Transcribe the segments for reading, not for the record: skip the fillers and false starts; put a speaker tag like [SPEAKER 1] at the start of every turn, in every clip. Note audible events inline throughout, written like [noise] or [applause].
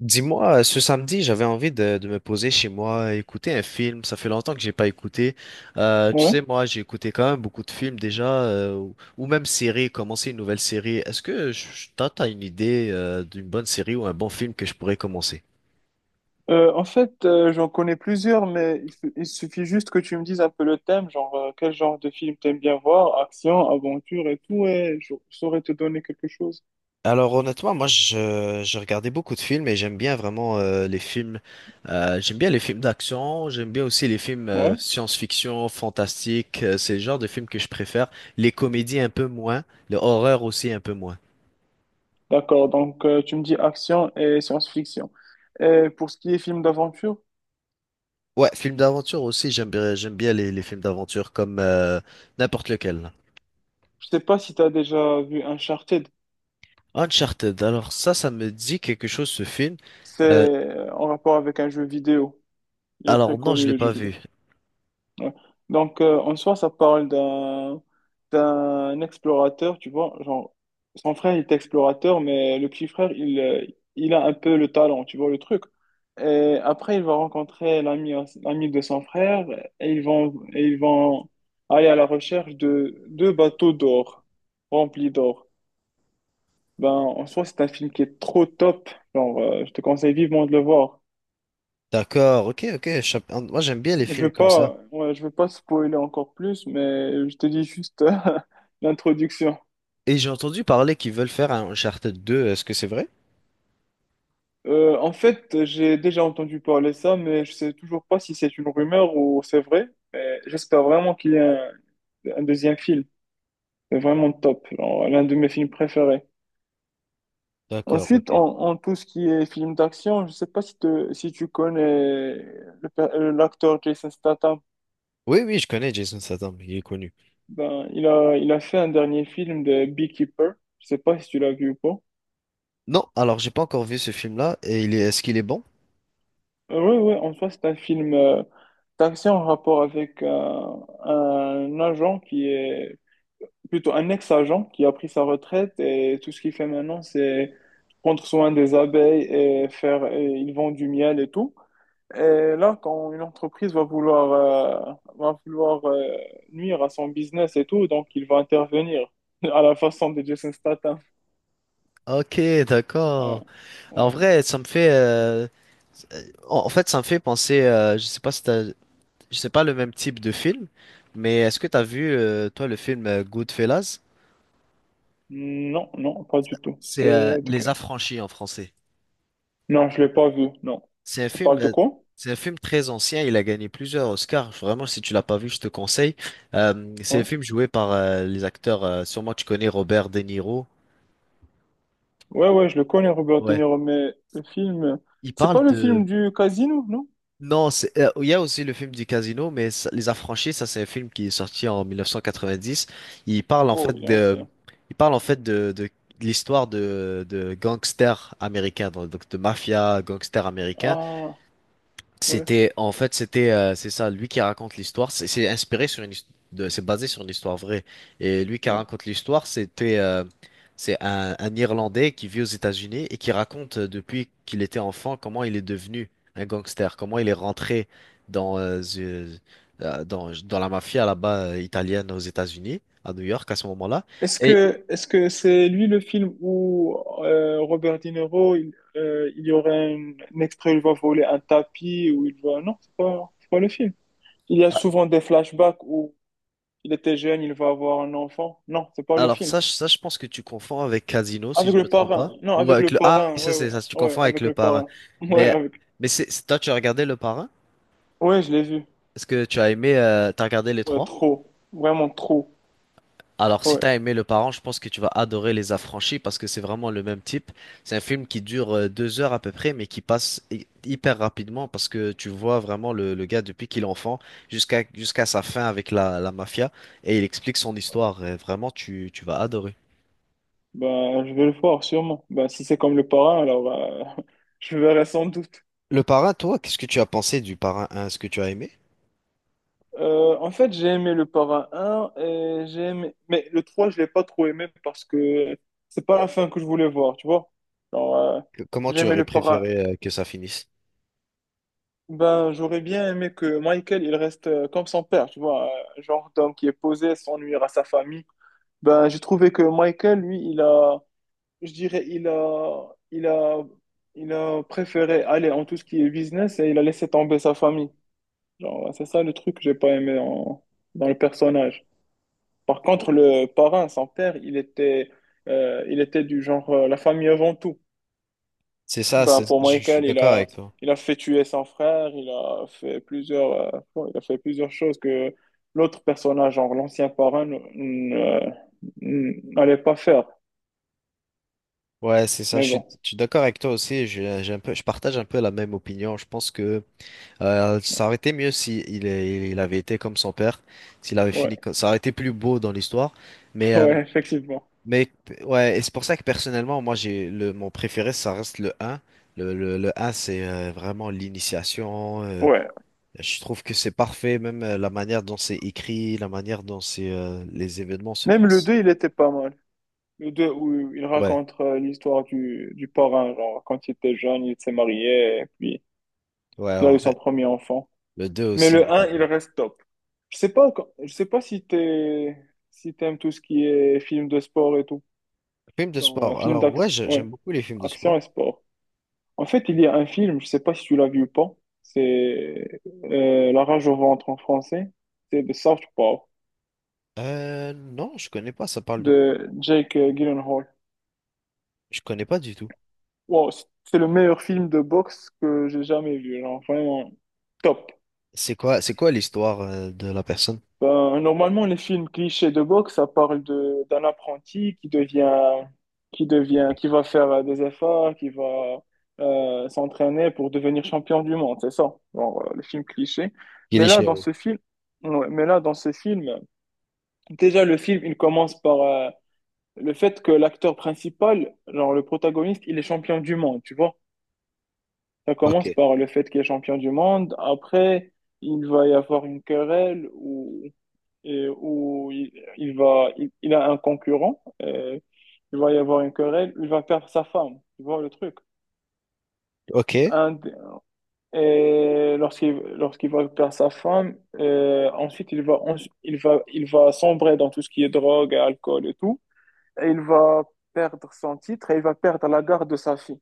[SPEAKER 1] Dis-moi, ce samedi, j'avais envie de me poser chez moi, écouter un film. Ça fait longtemps que j'ai pas écouté. Tu
[SPEAKER 2] Ouais.
[SPEAKER 1] sais, moi, j'ai écouté quand même beaucoup de films déjà, ou même séries, commencer une nouvelle série. Est-ce que t'as une idée, d'une bonne série ou un bon film que je pourrais commencer?
[SPEAKER 2] J'en connais plusieurs, mais il suffit juste que tu me dises un peu le thème, genre quel genre de film t'aimes bien voir, action, aventure et tout, et je saurais te donner quelque chose.
[SPEAKER 1] Alors honnêtement, moi je regardais beaucoup de films et j'aime bien vraiment les films. J'aime bien les films d'action, j'aime bien aussi les films
[SPEAKER 2] Ouais,
[SPEAKER 1] science-fiction, fantastique. C'est le genre de films que je préfère. Les comédies un peu moins, le horreur aussi un peu moins.
[SPEAKER 2] d'accord. Donc tu me dis action et science-fiction. Et pour ce qui est film d'aventure,
[SPEAKER 1] Ouais, film d'aventure aussi, j'aime bien les films d'aventure comme n'importe lequel.
[SPEAKER 2] je sais pas si t'as déjà vu Uncharted.
[SPEAKER 1] Uncharted, alors ça me dit quelque chose ce film.
[SPEAKER 2] C'est
[SPEAKER 1] Euh,
[SPEAKER 2] en rapport avec un jeu vidéo. Il est très
[SPEAKER 1] alors non, je
[SPEAKER 2] connu
[SPEAKER 1] l'ai
[SPEAKER 2] le jeu
[SPEAKER 1] pas vu.
[SPEAKER 2] vidéo. Ouais. Donc, en soi, ça parle d'un explorateur, tu vois. Genre, son frère, il est explorateur, mais le petit frère, il a un peu le talent, tu vois, le truc. Et après, il va rencontrer l'ami de son frère et ils vont aller à la recherche de deux bateaux d'or, remplis d'or. Ben, en soi, c'est un film qui est trop top. Je te conseille vivement de le voir.
[SPEAKER 1] D'accord, ok, ok. Moi, j'aime bien les
[SPEAKER 2] Je
[SPEAKER 1] films
[SPEAKER 2] veux
[SPEAKER 1] comme ça.
[SPEAKER 2] pas, ouais, je veux pas spoiler encore plus, mais je te dis juste [laughs] l'introduction.
[SPEAKER 1] Et j'ai entendu parler qu'ils veulent faire un Uncharted 2. Est-ce que c'est vrai?
[SPEAKER 2] J'ai déjà entendu parler ça, mais je sais toujours pas si c'est une rumeur ou c'est vrai. Mais j'espère vraiment qu'il y a un deuxième film. C'est vraiment top, genre, l'un de mes films préférés.
[SPEAKER 1] D'accord,
[SPEAKER 2] Ensuite,
[SPEAKER 1] ok.
[SPEAKER 2] en tout ce qui est film d'action, je sais pas si tu connais l'acteur Jason Statham.
[SPEAKER 1] Oui, oui, je connais Jason Statham, il est connu.
[SPEAKER 2] Ben, il a fait un dernier film de Beekeeper. Je sais pas si tu l'as vu ou pas.
[SPEAKER 1] Non, alors j'ai pas encore vu ce film-là, et est-ce qu'il est bon?
[SPEAKER 2] Ouais, ouais, en soi, c'est un film d'action en rapport avec un agent qui est plutôt un ex-agent qui a pris sa retraite et tout ce qu'il fait maintenant, c'est prendre soin des abeilles et faire, et ils vendent du miel et tout. Et là, quand une entreprise va vouloir, nuire à son business et tout, donc il va intervenir [laughs] à la façon de Jason Statham.
[SPEAKER 1] Ok,
[SPEAKER 2] Ah ouais.
[SPEAKER 1] d'accord. En
[SPEAKER 2] Ouais.
[SPEAKER 1] vrai, ça me fait, en fait, ça me fait penser, je sais pas si t'as c'est pas le même type de film, mais est-ce que t'as vu, toi, le film Goodfellas?
[SPEAKER 2] Non, non, pas du tout.
[SPEAKER 1] C'est
[SPEAKER 2] C'est...
[SPEAKER 1] Les Affranchis en français.
[SPEAKER 2] Non, je l'ai pas vu, non.
[SPEAKER 1] C'est un
[SPEAKER 2] Ça
[SPEAKER 1] film,
[SPEAKER 2] parle de
[SPEAKER 1] euh,
[SPEAKER 2] quoi?
[SPEAKER 1] c'est un film très ancien. Il a gagné plusieurs Oscars. Vraiment, si tu l'as pas vu, je te conseille. C'est un
[SPEAKER 2] Ouais.
[SPEAKER 1] film joué par les acteurs. Sûrement, tu connais Robert De Niro.
[SPEAKER 2] Ouais, ouais, je le connais, Robert De
[SPEAKER 1] Ouais.
[SPEAKER 2] Niro, mais le film...
[SPEAKER 1] Il
[SPEAKER 2] C'est pas
[SPEAKER 1] parle
[SPEAKER 2] le film
[SPEAKER 1] de
[SPEAKER 2] du casino, non?
[SPEAKER 1] Non, il y a aussi le film du casino, mais Les Affranchis, ça c'est un film qui est sorti en 1990. Il parle en
[SPEAKER 2] Oh,
[SPEAKER 1] fait
[SPEAKER 2] il est
[SPEAKER 1] de,
[SPEAKER 2] ancien.
[SPEAKER 1] il parle en fait de l'histoire de gangsters américains, donc de mafia gangsters américains.
[SPEAKER 2] Ah, ouais,
[SPEAKER 1] C'était, en fait, c'était, C'est ça, lui qui raconte l'histoire. C'est inspiré sur c'est basé sur une histoire vraie. Et lui qui
[SPEAKER 2] ouais.
[SPEAKER 1] raconte l'histoire, c'est un Irlandais qui vit aux États-Unis et qui raconte depuis qu'il était enfant comment il est devenu un gangster, comment il est rentré dans, euh, ze- dans la mafia là-bas italienne aux États-Unis, à New York à ce moment-là.
[SPEAKER 2] Est-ce que c'est lui le film où Robert De Niro, il y aurait un extrait où il va voler un tapis, où il va... Non, c'est pas le film. Il y a souvent des flashbacks où il était jeune, il va avoir un enfant. Non, c'est pas le
[SPEAKER 1] Alors
[SPEAKER 2] film.
[SPEAKER 1] ça, ça, je pense que tu confonds avec Casino, si
[SPEAKER 2] Avec
[SPEAKER 1] je me
[SPEAKER 2] le
[SPEAKER 1] trompe
[SPEAKER 2] parrain.
[SPEAKER 1] pas.
[SPEAKER 2] Non, avec le
[SPEAKER 1] Ah oui,
[SPEAKER 2] parrain,
[SPEAKER 1] ça,
[SPEAKER 2] ouais,
[SPEAKER 1] c'est ça, tu
[SPEAKER 2] ouais, ouais,
[SPEAKER 1] confonds avec
[SPEAKER 2] avec
[SPEAKER 1] le
[SPEAKER 2] le
[SPEAKER 1] parrain.
[SPEAKER 2] parrain. [laughs] Ouais,
[SPEAKER 1] Mais,
[SPEAKER 2] avec...
[SPEAKER 1] mais, toi, tu as regardé le parrain?
[SPEAKER 2] Ouais, je l'ai vu.
[SPEAKER 1] Est-ce que tu as aimé, t'as regardé les
[SPEAKER 2] Ouais,
[SPEAKER 1] trois?
[SPEAKER 2] trop. Vraiment trop.
[SPEAKER 1] Alors, si
[SPEAKER 2] Ouais.
[SPEAKER 1] t'as aimé le parrain, je pense que tu vas adorer Les Affranchis parce que c'est vraiment le même type. C'est un film qui dure 2 heures à peu près, mais qui passe hyper rapidement parce que tu vois vraiment le gars depuis qu'il est enfant jusqu'à sa fin avec la mafia et il explique son histoire. Et vraiment, tu vas adorer.
[SPEAKER 2] Bah, je vais le voir, sûrement. Bah, si c'est comme le parrain, alors bah, [laughs] je verrai sans doute.
[SPEAKER 1] Le parrain, toi, qu'est-ce que tu as pensé du parrain 1? Est-ce que tu as aimé?
[SPEAKER 2] J'ai aimé le parrain un et j'ai aimé... Mais le 3, je l'ai pas trop aimé parce que c'est pas la fin que je voulais voir, tu vois. Alors, euh,
[SPEAKER 1] Comment
[SPEAKER 2] j'ai
[SPEAKER 1] tu
[SPEAKER 2] aimé
[SPEAKER 1] aurais
[SPEAKER 2] le parrain.
[SPEAKER 1] préféré que ça finisse?
[SPEAKER 2] Ben, j'aurais bien aimé que Michael, il reste comme son père, tu vois. Genre d'homme qui est posé, s'ennuie à sa famille. Ben, j'ai trouvé que Michael, lui, il a... je dirais, il a préféré aller en tout ce qui est business et il a laissé tomber sa famille. Genre, c'est ça le truc que j'ai pas aimé dans le personnage. Par contre, le parrain, son père, il était du genre la famille avant tout.
[SPEAKER 1] C'est ça,
[SPEAKER 2] Ben, pour
[SPEAKER 1] je suis
[SPEAKER 2] Michael,
[SPEAKER 1] d'accord avec toi.
[SPEAKER 2] il a fait tuer son frère, il a fait plusieurs, il a fait plusieurs choses que l'autre personnage, genre l'ancien parrain, n'allait pas faire.
[SPEAKER 1] Ouais, c'est ça,
[SPEAKER 2] Mais
[SPEAKER 1] je suis,
[SPEAKER 2] bon,
[SPEAKER 1] je suis d'accord avec toi aussi. J'ai un peu, je partage un peu la même opinion. Je pense que ça aurait été mieux si il avait été comme son père, s'il avait fini,
[SPEAKER 2] ouais,
[SPEAKER 1] ça aurait été plus beau dans l'histoire.
[SPEAKER 2] [laughs]
[SPEAKER 1] Mais, euh,
[SPEAKER 2] ouais, effectivement.
[SPEAKER 1] mais, ouais, et c'est pour ça que personnellement, moi, mon préféré, ça reste le 1. Le 1, c'est vraiment l'initiation.
[SPEAKER 2] Ouais.
[SPEAKER 1] Je trouve que c'est parfait, même la manière dont c'est écrit, la manière dont les événements se
[SPEAKER 2] Même le
[SPEAKER 1] passent.
[SPEAKER 2] 2 il était pas mal. Le 2 où il
[SPEAKER 1] Ouais,
[SPEAKER 2] raconte l'histoire du parrain, genre, quand il était jeune, il s'est marié, et puis
[SPEAKER 1] ouais,
[SPEAKER 2] il
[SPEAKER 1] en
[SPEAKER 2] a eu son
[SPEAKER 1] vrai.
[SPEAKER 2] premier enfant.
[SPEAKER 1] Le 2
[SPEAKER 2] Mais
[SPEAKER 1] aussi, il
[SPEAKER 2] le
[SPEAKER 1] est pas
[SPEAKER 2] un il
[SPEAKER 1] mal.
[SPEAKER 2] reste top. Je sais pas, je sais pas si t'es, si t'aimes tout ce qui est film de sport et tout.
[SPEAKER 1] Film de
[SPEAKER 2] Genre, un
[SPEAKER 1] sport.
[SPEAKER 2] film
[SPEAKER 1] Alors,
[SPEAKER 2] d'action,
[SPEAKER 1] ouais,
[SPEAKER 2] ouais,
[SPEAKER 1] j'aime beaucoup les films de
[SPEAKER 2] action
[SPEAKER 1] sport.
[SPEAKER 2] et sport. En fait, il y a un film, je sais pas si tu l'as vu ou pas. C'est La rage au ventre en français. C'est The South Park
[SPEAKER 1] Non, je connais pas, ça parle de quoi?
[SPEAKER 2] de Jake Gyllenhaal.
[SPEAKER 1] Je connais pas du tout.
[SPEAKER 2] Wow, c'est le meilleur film de boxe que j'ai jamais vu, genre vraiment top.
[SPEAKER 1] C'est quoi l'histoire, de la personne?
[SPEAKER 2] Ben, normalement, les films clichés de boxe, ça parle de d'un apprenti qui va faire des efforts, qui va s'entraîner pour devenir champion du monde, c'est ça. Bon, les films clichés.
[SPEAKER 1] Il
[SPEAKER 2] Mais
[SPEAKER 1] est
[SPEAKER 2] là,
[SPEAKER 1] chez
[SPEAKER 2] dans
[SPEAKER 1] oui.
[SPEAKER 2] ce film, ouais, mais là, dans ce film, déjà le film, il commence par le fait que l'acteur principal, genre le protagoniste, il est champion du monde, tu vois. Ça
[SPEAKER 1] Ok,
[SPEAKER 2] commence par le fait qu'il est champion du monde. Après, il va y avoir une querelle où, et où il a un concurrent. Et il va y avoir une querelle. Il va perdre sa femme. Tu vois le truc.
[SPEAKER 1] ok.
[SPEAKER 2] Un d- et lorsqu'il va perdre sa femme, ensuite il va, en- il va sombrer dans tout ce qui est drogue, alcool et tout. Et il va perdre son titre et il va perdre la garde de sa fille.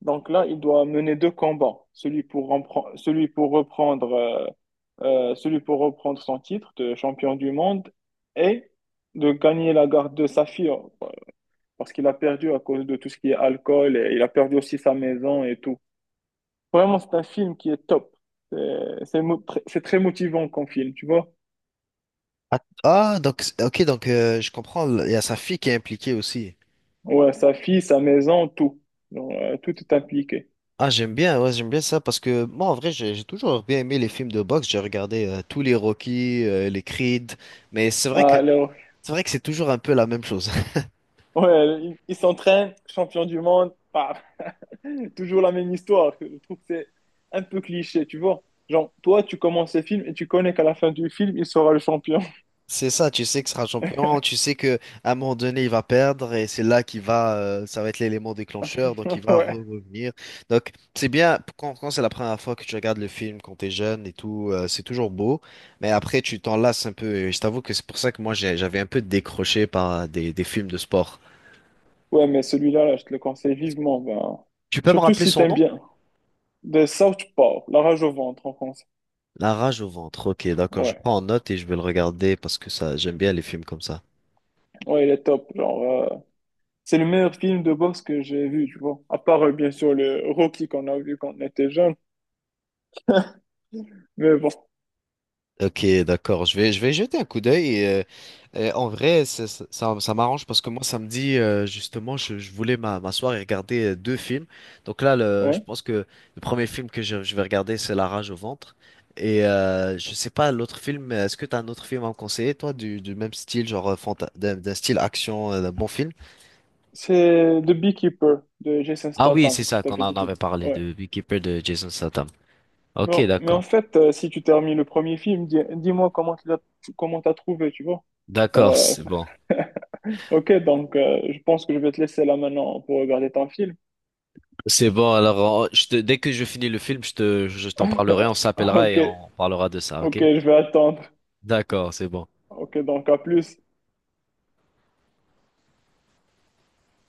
[SPEAKER 2] Donc là, il doit mener deux combats, celui pour reprendre son titre de champion du monde et de gagner la garde de sa fille, parce qu'il a perdu à cause de tout ce qui est alcool et il a perdu aussi sa maison et tout. Vraiment, c'est un film qui est top. C'est très motivant comme film, tu vois.
[SPEAKER 1] Ah, ah, donc, ok, je comprends, il y a sa fille qui est impliquée aussi.
[SPEAKER 2] Ouais, sa fille, sa maison, tout. Donc, tout est impliqué.
[SPEAKER 1] Ah, j'aime bien, ouais, j'aime bien ça parce que moi, en vrai, j'ai toujours bien aimé les films de boxe. J'ai regardé tous les Rocky, les Creed, mais c'est vrai que
[SPEAKER 2] Alors,
[SPEAKER 1] c'est vrai que c'est toujours un peu la même chose. [laughs]
[SPEAKER 2] ouais, il s'entraîne, champion du monde, paf. [laughs] Toujours la même histoire. Je trouve que c'est un peu cliché, tu vois. Genre, toi, tu commences le film et tu connais qu'à la fin du film, il sera le champion.
[SPEAKER 1] C'est ça, tu sais que sera champion, tu sais que à un moment donné, il va perdre et c'est là qu'il va, ça va être l'élément déclencheur, donc il
[SPEAKER 2] [laughs]
[SPEAKER 1] va
[SPEAKER 2] Ouais.
[SPEAKER 1] revenir. Donc c'est bien quand c'est la première fois que tu regardes le film, quand t'es jeune et tout, c'est toujours beau, mais après tu t'en lasses un peu. Et je t'avoue que c'est pour ça que moi j'avais un peu décroché par des films de sport.
[SPEAKER 2] Ouais, mais celui-là, là, je te le conseille vivement. Ben...
[SPEAKER 1] Tu peux me
[SPEAKER 2] Surtout
[SPEAKER 1] rappeler
[SPEAKER 2] si
[SPEAKER 1] son
[SPEAKER 2] t'aimes
[SPEAKER 1] nom?
[SPEAKER 2] bien. The Southpaw, La rage au ventre en français.
[SPEAKER 1] La rage au ventre. Ok, d'accord. Je
[SPEAKER 2] Ouais,
[SPEAKER 1] prends en note et je vais le regarder parce que ça, j'aime bien les films comme ça.
[SPEAKER 2] ouais, il est top. C'est le meilleur film de boxe que j'ai vu, tu vois. À part, bien sûr, le Rocky qu'on a vu quand on était jeune. Mais bon,
[SPEAKER 1] Ok, d'accord. Je vais jeter un coup d'œil. En vrai, ça m'arrange parce que moi, samedi, justement, je voulais m'asseoir et regarder deux films. Donc là, je
[SPEAKER 2] ouais.
[SPEAKER 1] pense que le premier film que je vais regarder, c'est La rage au ventre. Et je sais pas, l'autre film, est-ce que t'as un autre film à me conseiller, toi, du même style, genre d'un style action, d'un bon film?
[SPEAKER 2] C'est The Beekeeper de Jason
[SPEAKER 1] Ah oui, c'est
[SPEAKER 2] Statham que
[SPEAKER 1] ça
[SPEAKER 2] je
[SPEAKER 1] qu'on
[SPEAKER 2] t'avais
[SPEAKER 1] en
[SPEAKER 2] dit tout
[SPEAKER 1] avait
[SPEAKER 2] à
[SPEAKER 1] parlé,
[SPEAKER 2] l'heure. Ouais.
[SPEAKER 1] de Beekeeper de Jason Statham. Ok,
[SPEAKER 2] Non, mais
[SPEAKER 1] d'accord.
[SPEAKER 2] en fait, si tu termines le premier film, dis, moi comment tu l'as, comment t'as trouvé, tu vois. Genre,
[SPEAKER 1] D'accord,
[SPEAKER 2] euh,
[SPEAKER 1] c'est bon.
[SPEAKER 2] ok, donc je pense que je vais te laisser là maintenant pour regarder ton film.
[SPEAKER 1] C'est bon, alors dès que je finis le film, je t'en
[SPEAKER 2] [laughs]
[SPEAKER 1] parlerai, on s'appellera
[SPEAKER 2] Ok,
[SPEAKER 1] et on parlera de ça,
[SPEAKER 2] ok,
[SPEAKER 1] ok?
[SPEAKER 2] je vais attendre.
[SPEAKER 1] D'accord, c'est bon.
[SPEAKER 2] Ok, donc à plus.